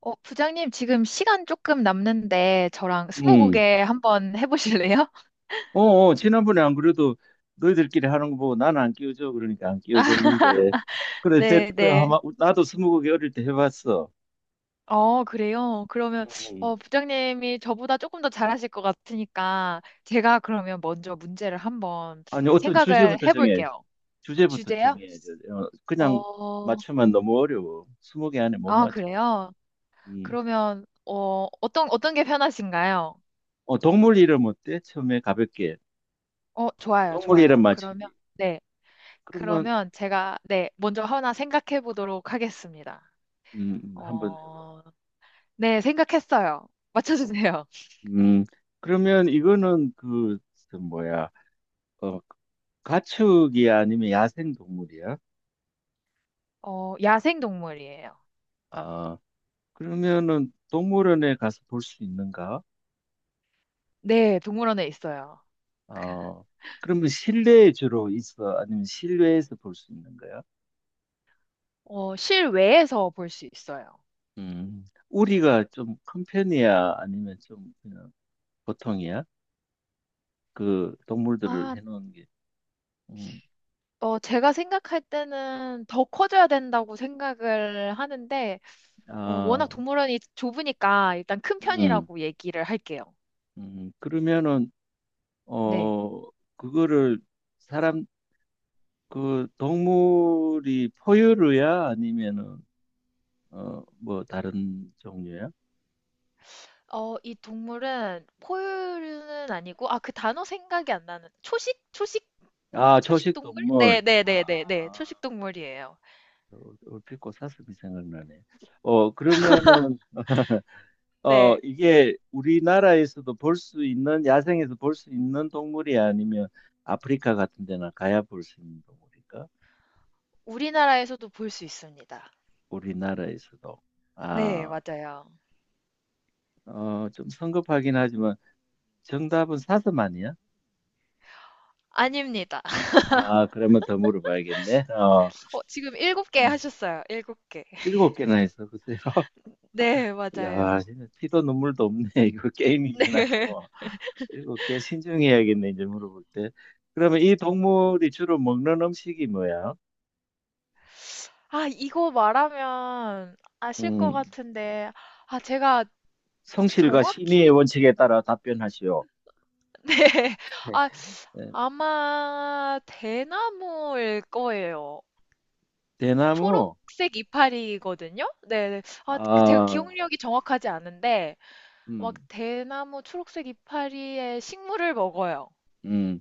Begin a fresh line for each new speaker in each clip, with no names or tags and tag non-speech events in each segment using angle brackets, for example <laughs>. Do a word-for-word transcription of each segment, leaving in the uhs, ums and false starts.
어, 부장님, 지금 시간 조금 남는데, 저랑
응.
스무고개 한번 해보실래요? <laughs>
어, 어, 지난번에 안 그래도 너희들끼리 하는 거 보고 나는 안 끼워줘. 그러니까 안 끼워줬는데. 그래, 됐,
네,
그,
네.
아마, 나도 스무고개 어릴 때 해봤어.
어, 그래요? 그러면,
음.
어, 부장님이 저보다 조금 더 잘하실 것 같으니까, 제가 그러면 먼저 문제를 한번
아니, 어떤
생각을
주제부터 정해.
해볼게요.
주제부터
주제요?
정해. 어, 그냥
어,
맞추면 너무 어려워. 스무개 안에 못
아,
맞춰.
그래요?
음.
그러면, 어, 어떤, 어떤 게 편하신가요?
어, 동물 이름 어때? 처음에 가볍게.
어, 좋아요,
동물 이름
좋아요. 그러면,
맞추기.
네.
그러면,
그러면 제가, 네, 먼저 하나 생각해 보도록 하겠습니다.
음, 음, 한번 해봐.
어, 네, 생각했어요. 맞춰주세요. <laughs>
음, 그러면 이거는 그, 저 뭐야. 어, 가축이 아니면 야생 동물이야?
어, 야생 동물이에요.
아, 그러면은 동물원에 가서 볼 수 있는가?
네, 동물원에 있어요.
어, 그러면 실내에 주로 있어? 아니면 실외에서 볼 수 있는 거야?
어, 실외에서 볼 수 있어요.
음, 우리가 좀 큰 편이야? 아니면 좀 그냥 보통이야? 그 동물들을
아,
해놓은 게. 음,
어, 제가 생각할 때는 더 커져야 된다고 생각을 하는데, 어, 워낙
아,
동물원이 좁으니까 일단 큰
음,
편이라고 얘기를 할게요.
음, 그러면은,
네.
어, 그거를 사람, 그 동물이 포유류야? 아니면은 어, 뭐 다른 종류야?
어, 이 동물은 포유류는 아니고, 아, 그 단어 생각이 안 나는, 초식? 초식?
아,
초식
초식
동물? 네,
동물.
네,
아,
네, 네, 네, 초식 동물이에요.
어, 얼핏 고사슴이 생각나네. 어, 그러면은 어,
네.
이게 우리나라에서도 볼 수 있는 야생에서 볼 수 있는 동물이 아니면 아프리카 같은 데나 가야 볼 수 있는 동물인가?
우리나라에서도 볼 수 있습니다.
우리나라에서도.
네,
아,
맞아요.
어, 좀 성급하긴 하지만 정답은 사슴 아니야?
아닙니다. <laughs>
아, 그러면 더 물어봐야겠네. 어,
어, 지금 일곱 개
음,
하셨어요. 일곱 개.
일곱 개나 했어, 글쎄요.
네,
야,
맞아요.
진짜 피도 눈물도 없네. <laughs> 이거 게임이긴 하지
네. <laughs>
뭐. 이거 꽤 신중해야겠네, 이제 물어볼 때. 그러면 이 동물이 주로 먹는 음식이 뭐야?
아, 이거 말하면 아실 것
음,
같은데, 아, 제가
성실과 신의의
정확히,
원칙에 따라 답변하시오.
<laughs> 네.
네.
아,
예,
아마 대나무일 거예요.
대나무.
초록색 이파리거든요? 네. 네. 아, 그 제가
아,
기억력이 정확하지 않은데, 막
음,
대나무 초록색 이파리의 식물을 먹어요.
음.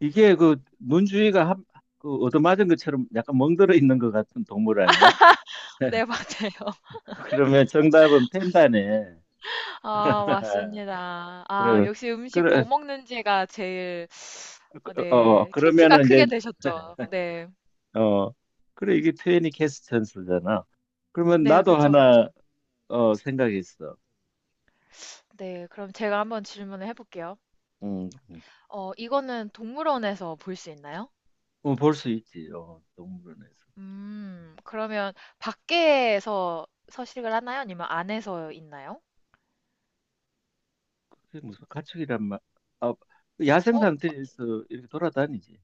이게 그 문주위가 한, 그 얻어맞은 것처럼 약간 멍들어 있는 것 같은 동물 아니야?
네, <laughs>
<laughs>
맞아요.
그러면 정답은 펜다네.
아,
<laughs>
맞습니다. 아,
그래,
역시 음식
그래,
뭐 먹는지가 제일, 어,
어,
네, 힌트가
그러면은 이제
크게 되셨죠. 네.
어, 그래, 이게 표현이 캐스천스잖아. 그러면
네,
나도
그쵸, 그쵸.
하나, 어, 생각했어.
네, 그럼 제가 한번 질문을 해볼게요.
음, 음.
어, 이거는 동물원에서 볼 수 있나요?
어, 볼 수 있지, 어, 동물원에서.
음, 그러면 밖에서 서식을 하나요? 아니면 안에서 있나요?
그게 무슨 가축이란 말, 아, 야생
어,
상태에서 이렇게 돌아다니지.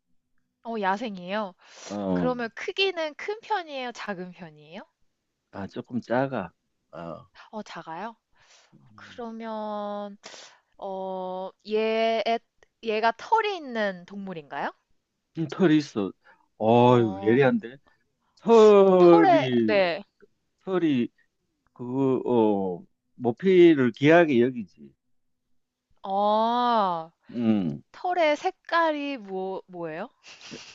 어, 야생이에요.
어,
그러면 크기는 큰 편이에요? 작은 편이에요?
아, 조금 작아. 어,
어, 작아요?
음.
그러면 어, 얘, 얘가 털이 있는 동물인가요?
음, 털이 있어. 어유
어,
예리한데?
털의,
털이,
네.
털이, 그거, 어, 모피를 귀하게 여기지.
어,
음,
털의 색깔이 뭐, 뭐예요?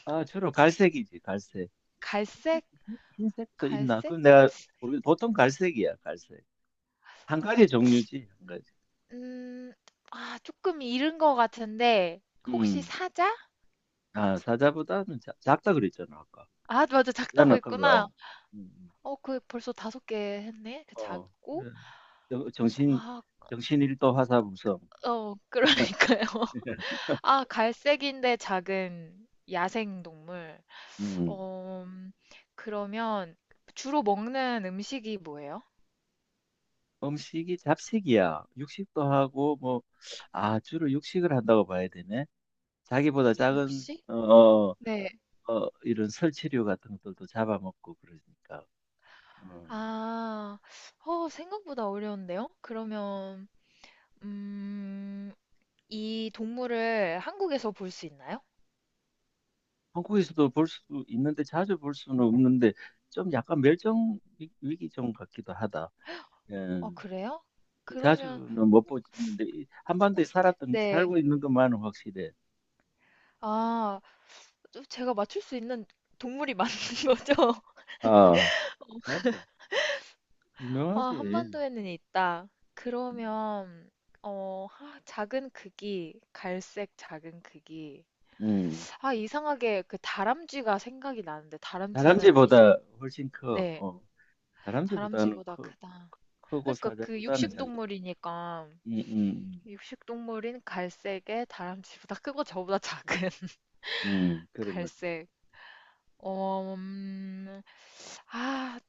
아, 주로 갈색이지, 갈색.
갈색?
흰- 색도 있나?
갈색?
그럼 내가 모르겠 보통 갈색이야, 갈색. 한 가지 종류지, 한 가지.
음, 아, 조금 이른 것 같은데, 혹시
음.
사자?
아, 사자보다는 작, 작다 그랬잖아, 아까.
아, 맞아, 작다고
나는 그거.
했구나.
어. 음, 음.
어, 그 벌써 다섯 개 했네? 그
어.
작고?
그래. 정- 정신,
아,
정신일도 화사무성.
어, 그러니까요. <laughs>
<laughs>
아, 갈색인데 작은 야생 동물.
음.
어, 음, 그러면 주로 먹는 음식이 뭐예요?
음식이 잡식이야. 육식도 하고, 뭐, 아, 주로 육식을 한다고 봐야 되네. 자기보다 작은,
육식?
어, 어,
네.
어, 이런 설치류 같은 것들도 잡아먹고 그러니까. 어.
아, 어, 생각보다 어려운데요? 그러면, 음, 이 동물을 한국에서 볼 수 있나요?
한국에서도 볼 수 있는데 자주 볼 수는 없는데 좀 약간 멸종 위- 위기종 같기도 하다. 예.
어, 그래요? 그러면,
자주는 못 보는데 이
어,
한반도에 살았던
네.
살고 있는 것만은 확실해.
아, 좀 제가 맞출 수 있는 동물이 <laughs> 맞는 거죠?
아, 맞아.
아,
유명하지.
한반도에는 있다.
음.
그러면, 어, 하- 작은 크기, 갈색 작은 크기.
음.
아, 이상하게 그 다람쥐가 생각이 나는데 다람쥐는 아니죠.
다람쥐보다 훨씬 커.
네,
어. 다람쥐보다는
다람쥐보다
커,
크다.
크고
그러니까 그
사자보다는 작지.
육식동물이니까
음, 음,
육식동물인 갈색에 다람쥐보다 크고 저보다 작은 <laughs>
음. 음, 그래 뭐
갈색. 어, 음, 아,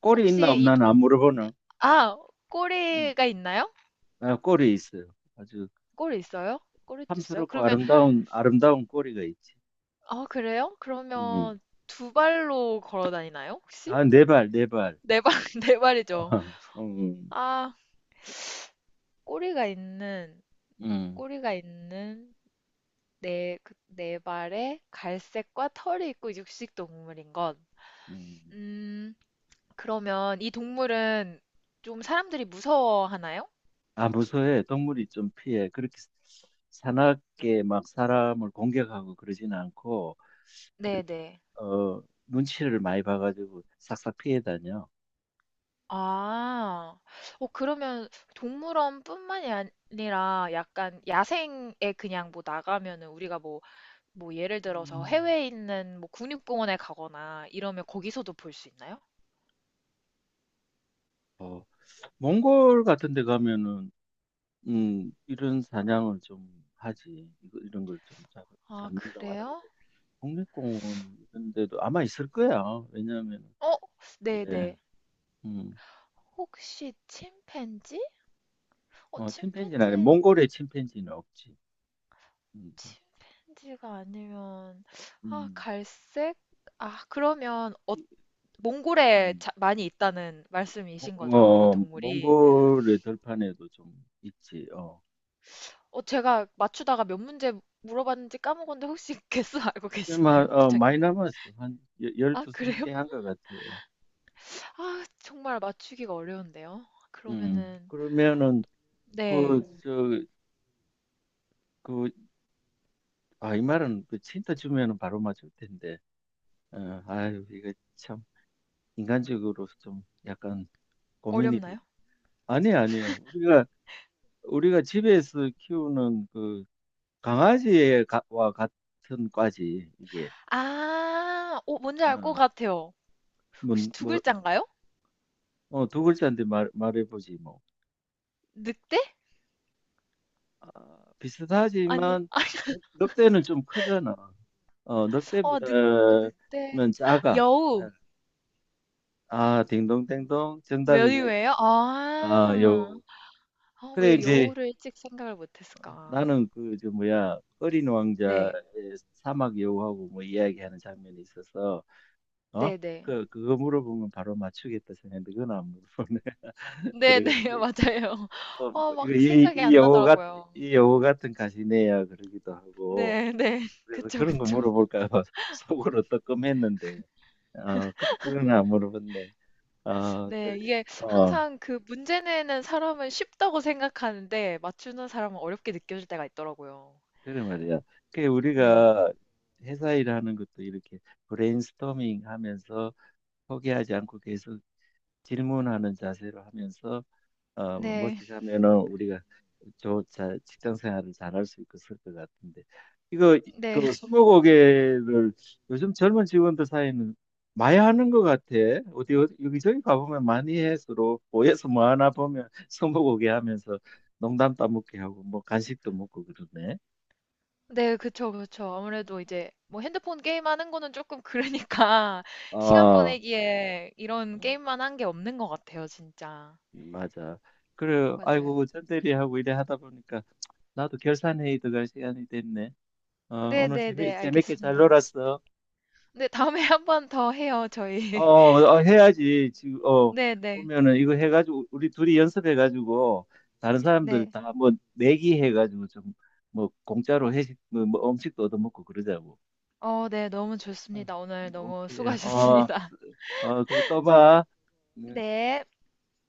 꼬리 있나
혹시 이
없나는
동,
안 물어보나.
아,
음.
꼬리가 있나요?
아, 꼬리 있어요. 아주
꼬리 있어요? 꼬리도 있어요?
탐스럽고
그러면,
아름다운 아름다운 꼬리가 있지.
아, 그래요?
음.
그러면 두 발로 걸어 다니나요, 혹시?
아, 네 발, 네 발.
네 발, <laughs> 네 발이죠.
<laughs> 음,
아, 꼬리가 있는
음,
꼬리가 있는 네, 그, 네 발에 갈색과 털이 있고 육식 동물인 것.
음.
음, 그러면 이 동물은 좀 사람들이 무서워하나요?
아, 무서워해. 동물이 좀 피해. 그렇게 사납게 막 사람을 공격하고 그러진 않고,
네네.
어, 눈치를 많이 봐가지고 싹싹 피해 다녀.
아, 어, 그러면 동물원뿐만이 아니라 약간 야생에 그냥 뭐 나가면은 우리가 뭐, 뭐 예를 들어서
음.
해외에 있는 뭐 국립공원에 가거나 이러면 거기서도 볼 수 있나요?
어, 몽골 같은 데 가면은, 음, 이런 사냥을 좀 하지. 이거, 이런 걸 좀
아,
잡는다고 하는데,
그래요?
국립공원 이런 데도 아마 있을 거야. 왜냐하면,
어,
예.
네네.
음.
혹시 침팬지? 어,
어, 침팬지는 아니,
침팬지,
몽골의 침팬지는 없지. 음,
침팬지가 아니면, 아,
음,
갈색? 아, 그러면, 어, 몽골에
음.
자- 많이 있다는
어,
말씀이신 거죠, 이
어,
동물이.
몽골의 들판에도 좀 있지. 어.
어, 제가 맞추다가 몇 문제 물어봤는지 까먹었는데 혹시 <laughs> 개수 알고
이 마,
계시나요,
어,
부장님?
많이 남았어. 한 여-
아,
열두 스무
그래요?
개 한 것 같아.
아, 정말 맞추기가 어려운데요.
음.
그러면은,
그러면은 그
네,
저 그 아 이 말은 그 친다 주면은 바로 맞을 텐데. 어, 아유 이거 참 인간적으로 좀 약간 고민이 돼.
어렵나요?
아니 아니야. 우리가 우리가 집에서 키우는 그 강아지와 같은 과지 이게.
아, 어, 뭔지 알 것
어,
같아요.
뭐,
혹시 두
뭐,
글자인가요?
어, 두 글자인데 말, 말해보지 뭐.
늑대?
아,
아니,
비슷하지만 늑- 늑대는 좀 크잖아. 어,
어, 늑,
늑대보다는
늑대, 아,
작아.
여우.
아 딩동댕동 정답이네.
메뉴예요?
아
아.
여우.
아,
그래
왜
이제
여우를 일찍 생각을 못 했을까?
나는 그 저 뭐야 어린
네.
왕자의 사막 여우하고 뭐 이야기하는 장면이 있어서 어?
네네.
그 그거 물어보면 바로 맞추겠다 생각했는데 그건 안 물어보네. <laughs>
네네.
그래.
<laughs> 맞아요.
어,
어
뭐 이거
막
이,
생각이
이
안
영어 같,
나더라고요.
이 영어 같은 가시네야 그러기도 하고,
네 네. <laughs>
그래서
그쵸,
그런 거
그쵸.
물어볼까 봐 <laughs> 속으로 뜨끔했는데 어, 그런 건안 물어봤네. 어,
네.
그-
이게
어,
항상 그 문제 내는 사람은 쉽다고 생각하는데 맞추는 사람은 어렵게 느껴질 때가 있더라고요.
그래 말이야. 그
네.
우리가 회사 일하는 것도 이렇게 브레인스토밍 하면서 포기하지 않고 계속 질문하는 자세로 하면서 어, 멋
네.
지게 하면은 우리가 저 자, 직장 생활을 잘할 수 있고 그럴 것 같은데 이거
네.
그 스무고개를 요즘 젊은 직원들 사이는 많이 하는 것 같아. 어디 어디- 여기저기 가보면 많이 해 서로 모여서 뭐 하나 보면 스무고개 하면서 농담 따먹기 하고 뭐 간식도 먹고 그러네.
네, 그쵸, 그쵸. 아무래도 이제 뭐 핸드폰 게임하는 거는 조금 그러니까 <laughs> 시간
아,
보내기에 이런
음,
게임만 한 게 없는 것 같아요, 진짜.
맞아. 그래,
맞아요.
아이고 전대리하고 이래 하다 보니까 나도 결산회의 들어갈 시간이 됐네. 어,
네,
오늘
네,
재미
네,
재밌게 잘
알겠습니다.
놀았어.
네, 다음에 <laughs> 한 번 더 해요, 저희.
어,
<laughs>
어, 해야지. 지금, 어,
네, 네,
보면은 이거 해가지고, 우리 둘이 연습해가지고, 다른 사람들
네.
다 뭐, 내기 해가지고 좀, 뭐, 공짜로 회식, 뭐, 뭐 음식도 얻어먹고 그러자고.
어, 네, 너무
어,
좋습니다. 오늘 너무
오케이. 어,
수고하셨습니다.
어, 그래, 또 봐.
<laughs>
네.
네.